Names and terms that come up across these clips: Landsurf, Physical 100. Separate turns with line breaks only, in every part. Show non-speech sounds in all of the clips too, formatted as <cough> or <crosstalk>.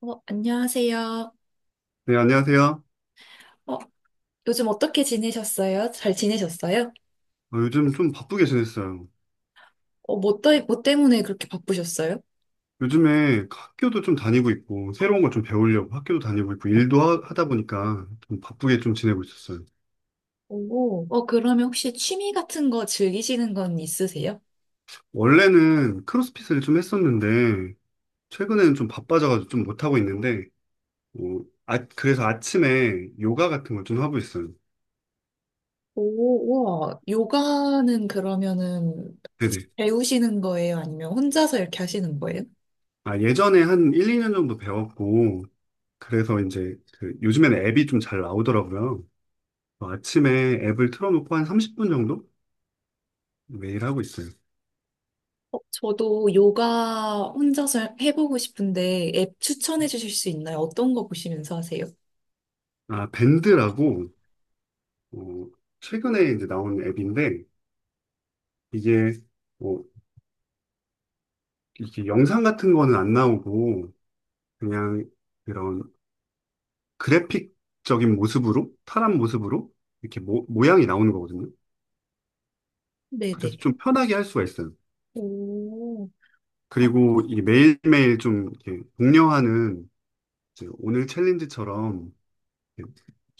안녕하세요.
네, 안녕하세요.
어, 요즘 어떻게 지내셨어요? 잘 지내셨어요?
요즘 좀 바쁘게 지냈어요.
뭐 때문에 그렇게 바쁘셨어요?
요즘에 학교도 좀 다니고 있고, 새로운 걸 좀 배우려고 학교도 다니고 있고, 일도 하, 다 보니까 좀 바쁘게 좀 지내고 있었어요.
오, 그러면 혹시 취미 같은 거 즐기시는 건 있으세요?
원래는 크로스핏을 좀 했었는데, 최근에는 좀 바빠져가지고 좀 못하고 있는데, 어, 아, 그래서 아침에 요가 같은 걸 좀 하고 있어요.
오, 우와. 요가는 그러면은
네네.
배우시는 거예요? 아니면 혼자서 이렇게 하시는 거예요?
아, 예전에 한 1, 2년 정도 배웠고, 그래서 이제 그 요즘에는 앱이 좀 잘 나오더라고요. 아침에 앱을 틀어놓고 한 30분 정도 매일 하고 있어요.
저도 요가 혼자서 해보고 싶은데 앱 추천해 주실 수 있나요? 어떤 거 보시면서 하세요?
아, 밴드라고, 어, 최근에 이제 나온 앱인데, 이게, 뭐, 이렇게 영상 같은 거는 안 나오고, 그냥 그런 그래픽적인 모습으로, 탈한 모습으로, 이렇게 모양이 나오는 거거든요. 그래서
네네.
좀 편하게 할 수가 있어요.
오. 아,
그리고 이게 매일매일 좀 이렇게 독려하는, 이제 오늘 챌린지처럼, 이렇게,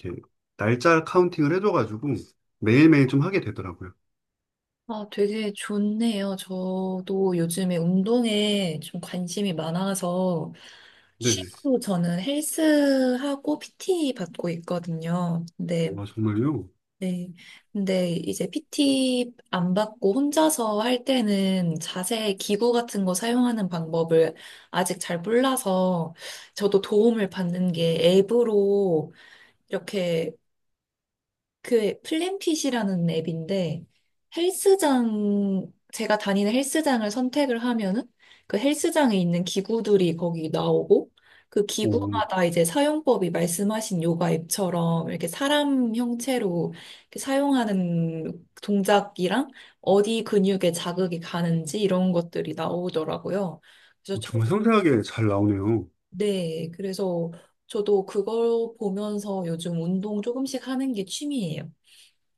이렇게 날짜 카운팅을 해줘가지고, 매일매일 좀 하게 되더라고요.
아, 되게 좋네요. 저도 요즘에 운동에 좀 관심이 많아서
네네.
취미로 저는 헬스하고 PT 받고 있거든요. 근데,
와, 정말요?
네. 근데 이제 PT 안 받고 혼자서 할 때는 자세 기구 같은 거 사용하는 방법을 아직 잘 몰라서 저도 도움을 받는 게 앱으로 이렇게 그 플랜핏이라는 앱인데 헬스장 제가 다니는 헬스장을 선택을 하면은 그 헬스장에 있는 기구들이 거기 나오고 그
오.
기구마다 이제 사용법이 말씀하신 요가 앱처럼 이렇게 사람 형체로 이렇게 사용하는 동작이랑 어디 근육에 자극이 가는지 이런 것들이 나오더라고요. 그래서 저,
정말 섬세하게 잘 나오네요.
네, 그래서 저도 그걸 보면서 요즘 운동 조금씩 하는 게 취미예요.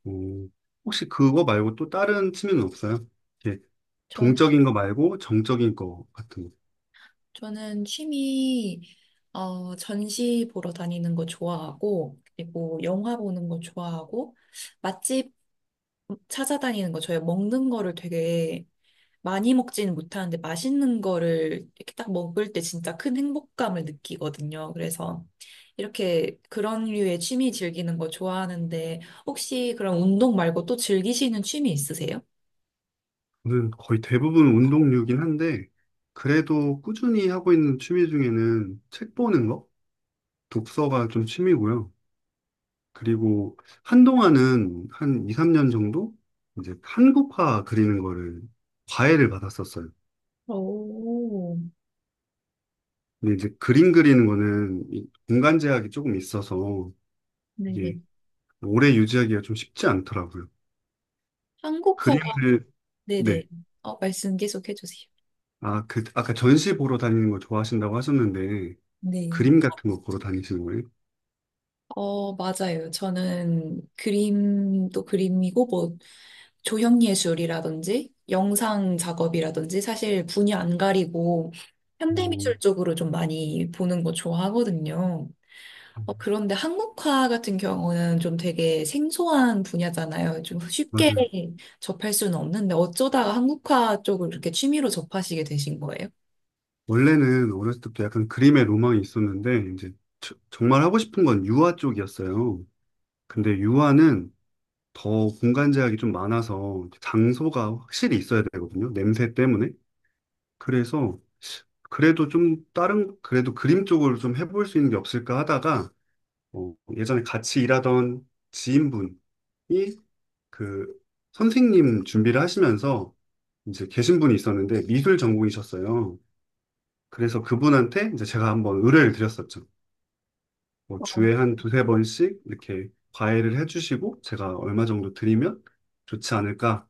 어, 혹시 그거 말고 또 다른 취미는 없어요? 이렇게
저는
동적인 거 말고 정적인 거 같은 거.
저는 전시 보러 다니는 거 좋아하고, 그리고 영화 보는 거 좋아하고, 맛집 찾아다니는 거, 저희 먹는 거를 되게 많이 먹지는 못하는데, 맛있는 거를 이렇게 딱 먹을 때 진짜 큰 행복감을 느끼거든요. 그래서 이렇게 그런 류의 취미 즐기는 거 좋아하는데, 혹시 그런 운동 말고 또 즐기시는 취미 있으세요?
저는 거의 대부분 운동류긴 한데, 그래도 꾸준히 하고 있는 취미 중에는 책 보는 거? 독서가 좀 취미고요. 그리고 한동안은 한 2, 3년 정도 이제 한국화 그리는 거를 과외를 받았었어요.
오,
근데 이제 그림 그리는 거는 이 공간 제약이 조금 있어서
네네.
이게 오래 유지하기가 좀 쉽지 않더라고요.
한국화가,
그림을, 네.
네네. 말씀 계속 해주세요.
아, 아까 전시 보러 다니는 거 좋아하신다고 하셨는데,
네.
그림 같은 거 보러 다니시는 거예요?
맞아요. 저는 그림도 그림이고, 뭐, 조형예술이라든지, 영상 작업이라든지, 사실 분야 안 가리고,
어,
현대미술 쪽으로 좀 많이 보는 거 좋아하거든요. 그런데 한국화 같은 경우는 좀 되게 생소한 분야잖아요. 좀 쉽게
맞아요.
접할 수는 없는데, 어쩌다가 한국화 쪽을 이렇게 취미로 접하시게 되신 거예요?
원래는 어렸을 때부터 약간 그림의 로망이 있었는데, 이제 정말 하고 싶은 건 유화 쪽이었어요. 근데 유화는 더 공간 제약이 좀 많아서 장소가 확실히 있어야 되거든요. 냄새 때문에. 그래서 그래도 좀 다른, 그래도 그림 쪽으로 좀 해볼 수 있는 게 없을까 하다가 예전에 같이 일하던 지인분이 그 선생님 준비를 하시면서 이제 계신 분이 있었는데 미술 전공이셨어요. 그래서 그분한테 이제 제가 한번 의뢰를 드렸었죠. 뭐 주에 한 두세 번씩 이렇게 과외를 해주시고 제가 얼마 정도 드리면 좋지 않을까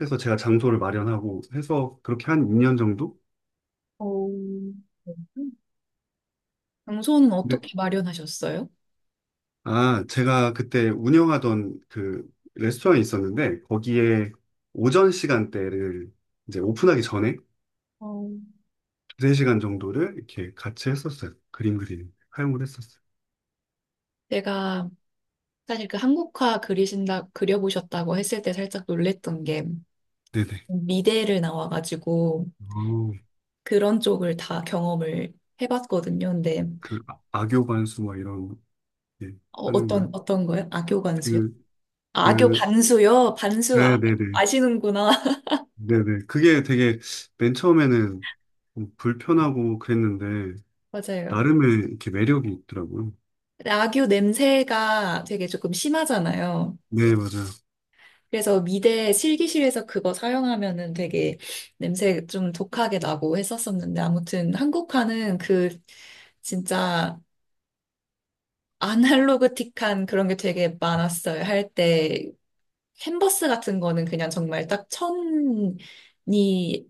해서 제가 장소를 마련하고 해서 그렇게 한 2년 정도?
어, 장소는 어떻게 마련하셨어요?
아, 제가 그때 운영하던 그 레스토랑이 있었는데, 거기에 오전 시간대를 이제 오픈하기 전에
어,
두세 시간 정도를 이렇게 같이 했었어요. 그림 그리는, 활용을 했었어요.
제가 사실 그 한국화 그리신다, 그려보셨다고 했을 때 살짝 놀랬던 게
네네.
미대를 나와가지고
어,
그런 쪽을 다 경험을 해봤거든요. 근데
그 악교 반수 막 이런, 거, 예, 하는 거요.
어떤 거요? 악교 관수요?
그,
아, 악교
그,
반수요?
네네네.
아시는구나.
네네. 그게 되게 맨 처음에는 좀 불편하고 그랬는데,
<laughs> 맞아요.
나름의 이렇게 매력이 있더라고요.
근데 악교 냄새가 되게 조금 심하잖아요.
네, 맞아요.
그래서 미대 실기실에서 그거 사용하면은 되게 냄새 좀 독하게 나고 했었었는데 아무튼 한국화는 그 진짜 아날로그틱한 그런 게 되게 많았어요. 할 때 캔버스 같은 거는 그냥 정말 딱 천이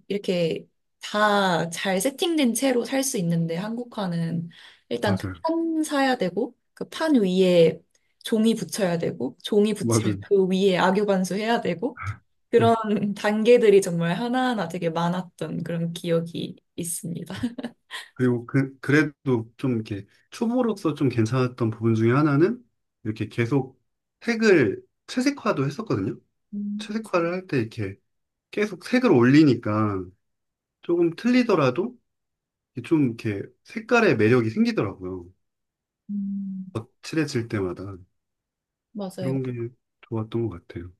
이렇게 다 잘 세팅된 채로 살 수 있는데 한국화는 일단 그
맞아요.
판 사야 되고 그 판 위에 종이 붙여야 되고 종이 붙이면
맞아요.
그 위에 악유반수 해야 되고
<laughs>
그런 <laughs> 단계들이 정말 하나하나 되게 많았던 그런 기억이 있습니다.
그리고 그래도 좀 이렇게 초보로서 좀 괜찮았던 부분 중에 하나는 이렇게 계속 색을 채색화도 했었거든요.
음.
채색화를 할 때 이렇게 계속 색을 올리니까 조금 틀리더라도 좀 이렇게 색깔의 매력이 생기더라고요.
음.
거칠해질 때마다.
맞아요.
그런 게 좋았던 것 같아요.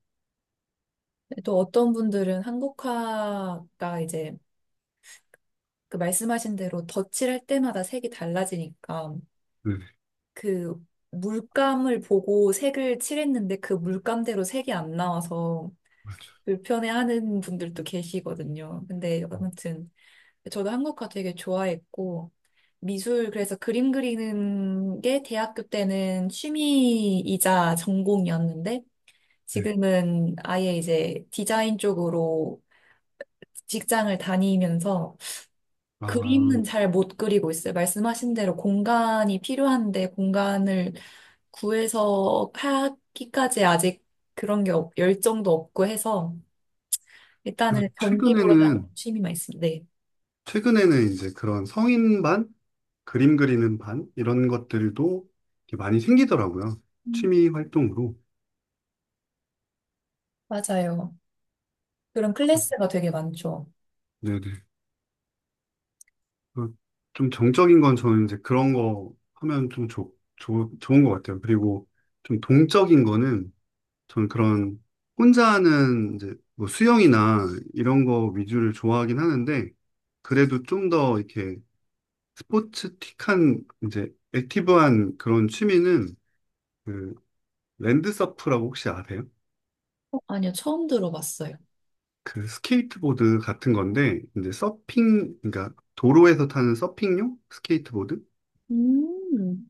또 어떤 분들은 한국화가 이제 그 말씀하신 대로 덧칠할 때마다 색이 달라지니까
네,
그 물감을 보고 색을 칠했는데 그 물감대로 색이 안 나와서
맞아요.
불편해하는 분들도 계시거든요. 근데 아무튼 저도 한국화 되게 좋아했고 미술 그래서 그림 그리는 게 대학교 때는 취미이자 전공이었는데
네.
지금은 아예 이제 디자인 쪽으로 직장을 다니면서
아,
그림은 잘 못 그리고 있어요. 말씀하신 대로 공간이 필요한데 공간을 구해서 하기까지 아직 열정도 없고 해서
그래서
일단은 전시 보러 다니는
최근에는,
취미만 있습니다. 네.
최근에는 이제 그런 성인반? 그림 그리는 반 이런 것들도 이렇게 많이 생기더라고요.
음.
취미 활동으로.
맞아요. 그런
그래서-
클래스가 되게 많죠.
네네. 그좀 정적인 건 저는 이제 그런 거 하면 좀 좋은 것 같아요. 그리고 좀 동적인 거는 저는 그런 혼자 하는 이제 뭐 수영이나 이런 거 위주를 좋아하긴 하는데 그래도 좀 더 이렇게 스포츠틱한 이제 액티브한 그런 취미는 그 랜드서프라고 혹시 아세요?
아니요, 처음 들어봤어요.
그 스케이트보드 같은 건데 이제 서핑 그러니까 도로에서 타는 서핑용 스케이트보드
음.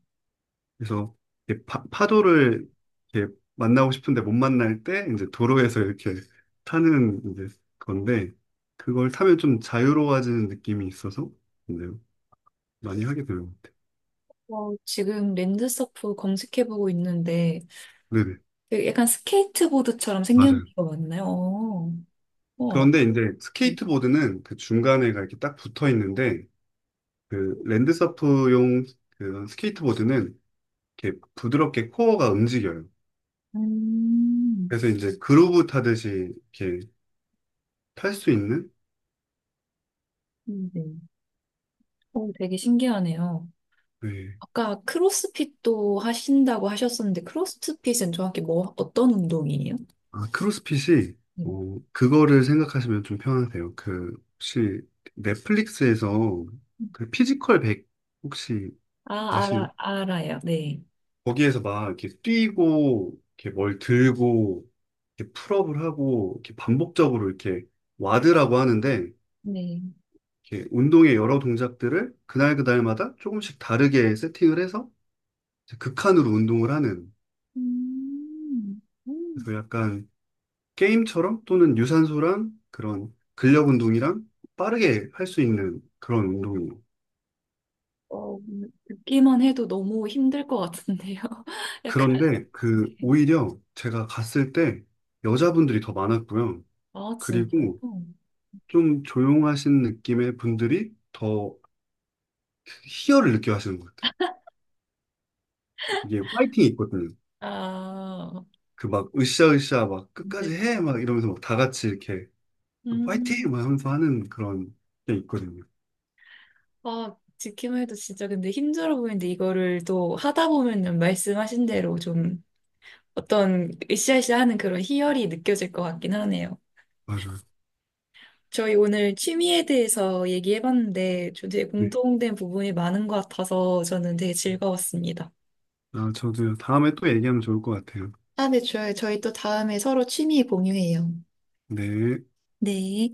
그래서 이렇게 파도를 이렇게 만나고 싶은데 못 만날 때 이제 도로에서 이렇게 타는 이제 건데 그걸 타면 좀 자유로워지는 느낌이 있어서 이제 많이 하게 되는 것 같아요.
와, 지금 랜드서프 검색해보고 있는데
네네
되게 약간 스케이트보드처럼 생긴
맞아요.
거 맞나요? 우와.
그런데 이제
네.
스케이트보드는 그 중간에가 이렇게 딱 붙어 있는데 그 랜드서프용 그 스케이트보드는 이렇게 부드럽게 코어가 움직여요.
음.
그래서 이제 그루브 타듯이 이렇게 탈 수 있는?
네. 오, 되게 신기하네요.
네.
아까 크로스핏도 하신다고 하셨었는데, 크로스핏은 정확히 뭐, 어떤 운동이에요?
아, 크로스핏이,
네.
그거를 생각하시면 좀 편하세요. 그, 혹시 넷플릭스에서 그 피지컬 100 혹시
아,
아시나?
알아요. 네.
거기에서 막 이렇게 뛰고, 이렇게 뭘 들고, 이렇게 풀업을 하고, 이렇게 반복적으로 이렇게 와드라고 하는데,
네.
이렇게 운동의 여러 동작들을 그날 그날마다 조금씩 다르게 세팅을 해서 이제 극한으로 운동을 하는,
음. 음.
그래서 약간 게임처럼 또는 유산소랑 그런 근력 운동이랑 빠르게 할 수 있는 그런 운동이에요.
어, 듣기만 해도 너무 힘들 것 같은데요. <laughs> 약간,
그런데 그 오히려 제가 갔을 때 여자분들이 더 많았고요.
아, 진짜요?
그리고 좀 조용하신 느낌의 분들이 더 희열을 느껴 하시는 것 같아요. 이게 파이팅이 있거든요.
아,
그 막 으쌰으쌰 막 끝까지
네네.
해 막 이러면서 막 다 같이 이렇게 파이팅
음,
막 하면서 하는 그런 게 있거든요.
듣기만 해도 진짜 근데 힘들어 보이는데 이거를 또 하다 보면은 말씀하신 대로 좀 어떤 으쌰으쌰하는 그런 희열이 느껴질 것 같긴 하네요.
맞아요.
저희 오늘 취미에 대해서 얘기해봤는데 저 되게
네.
공통된 부분이 많은 것 같아서 저는 되게 즐거웠습니다.
아, 저도 다음에 또 얘기하면 좋을 것 같아요.
아, 네, 좋아요. 저희 또 다음에 서로 취미 공유해요.
네.
네.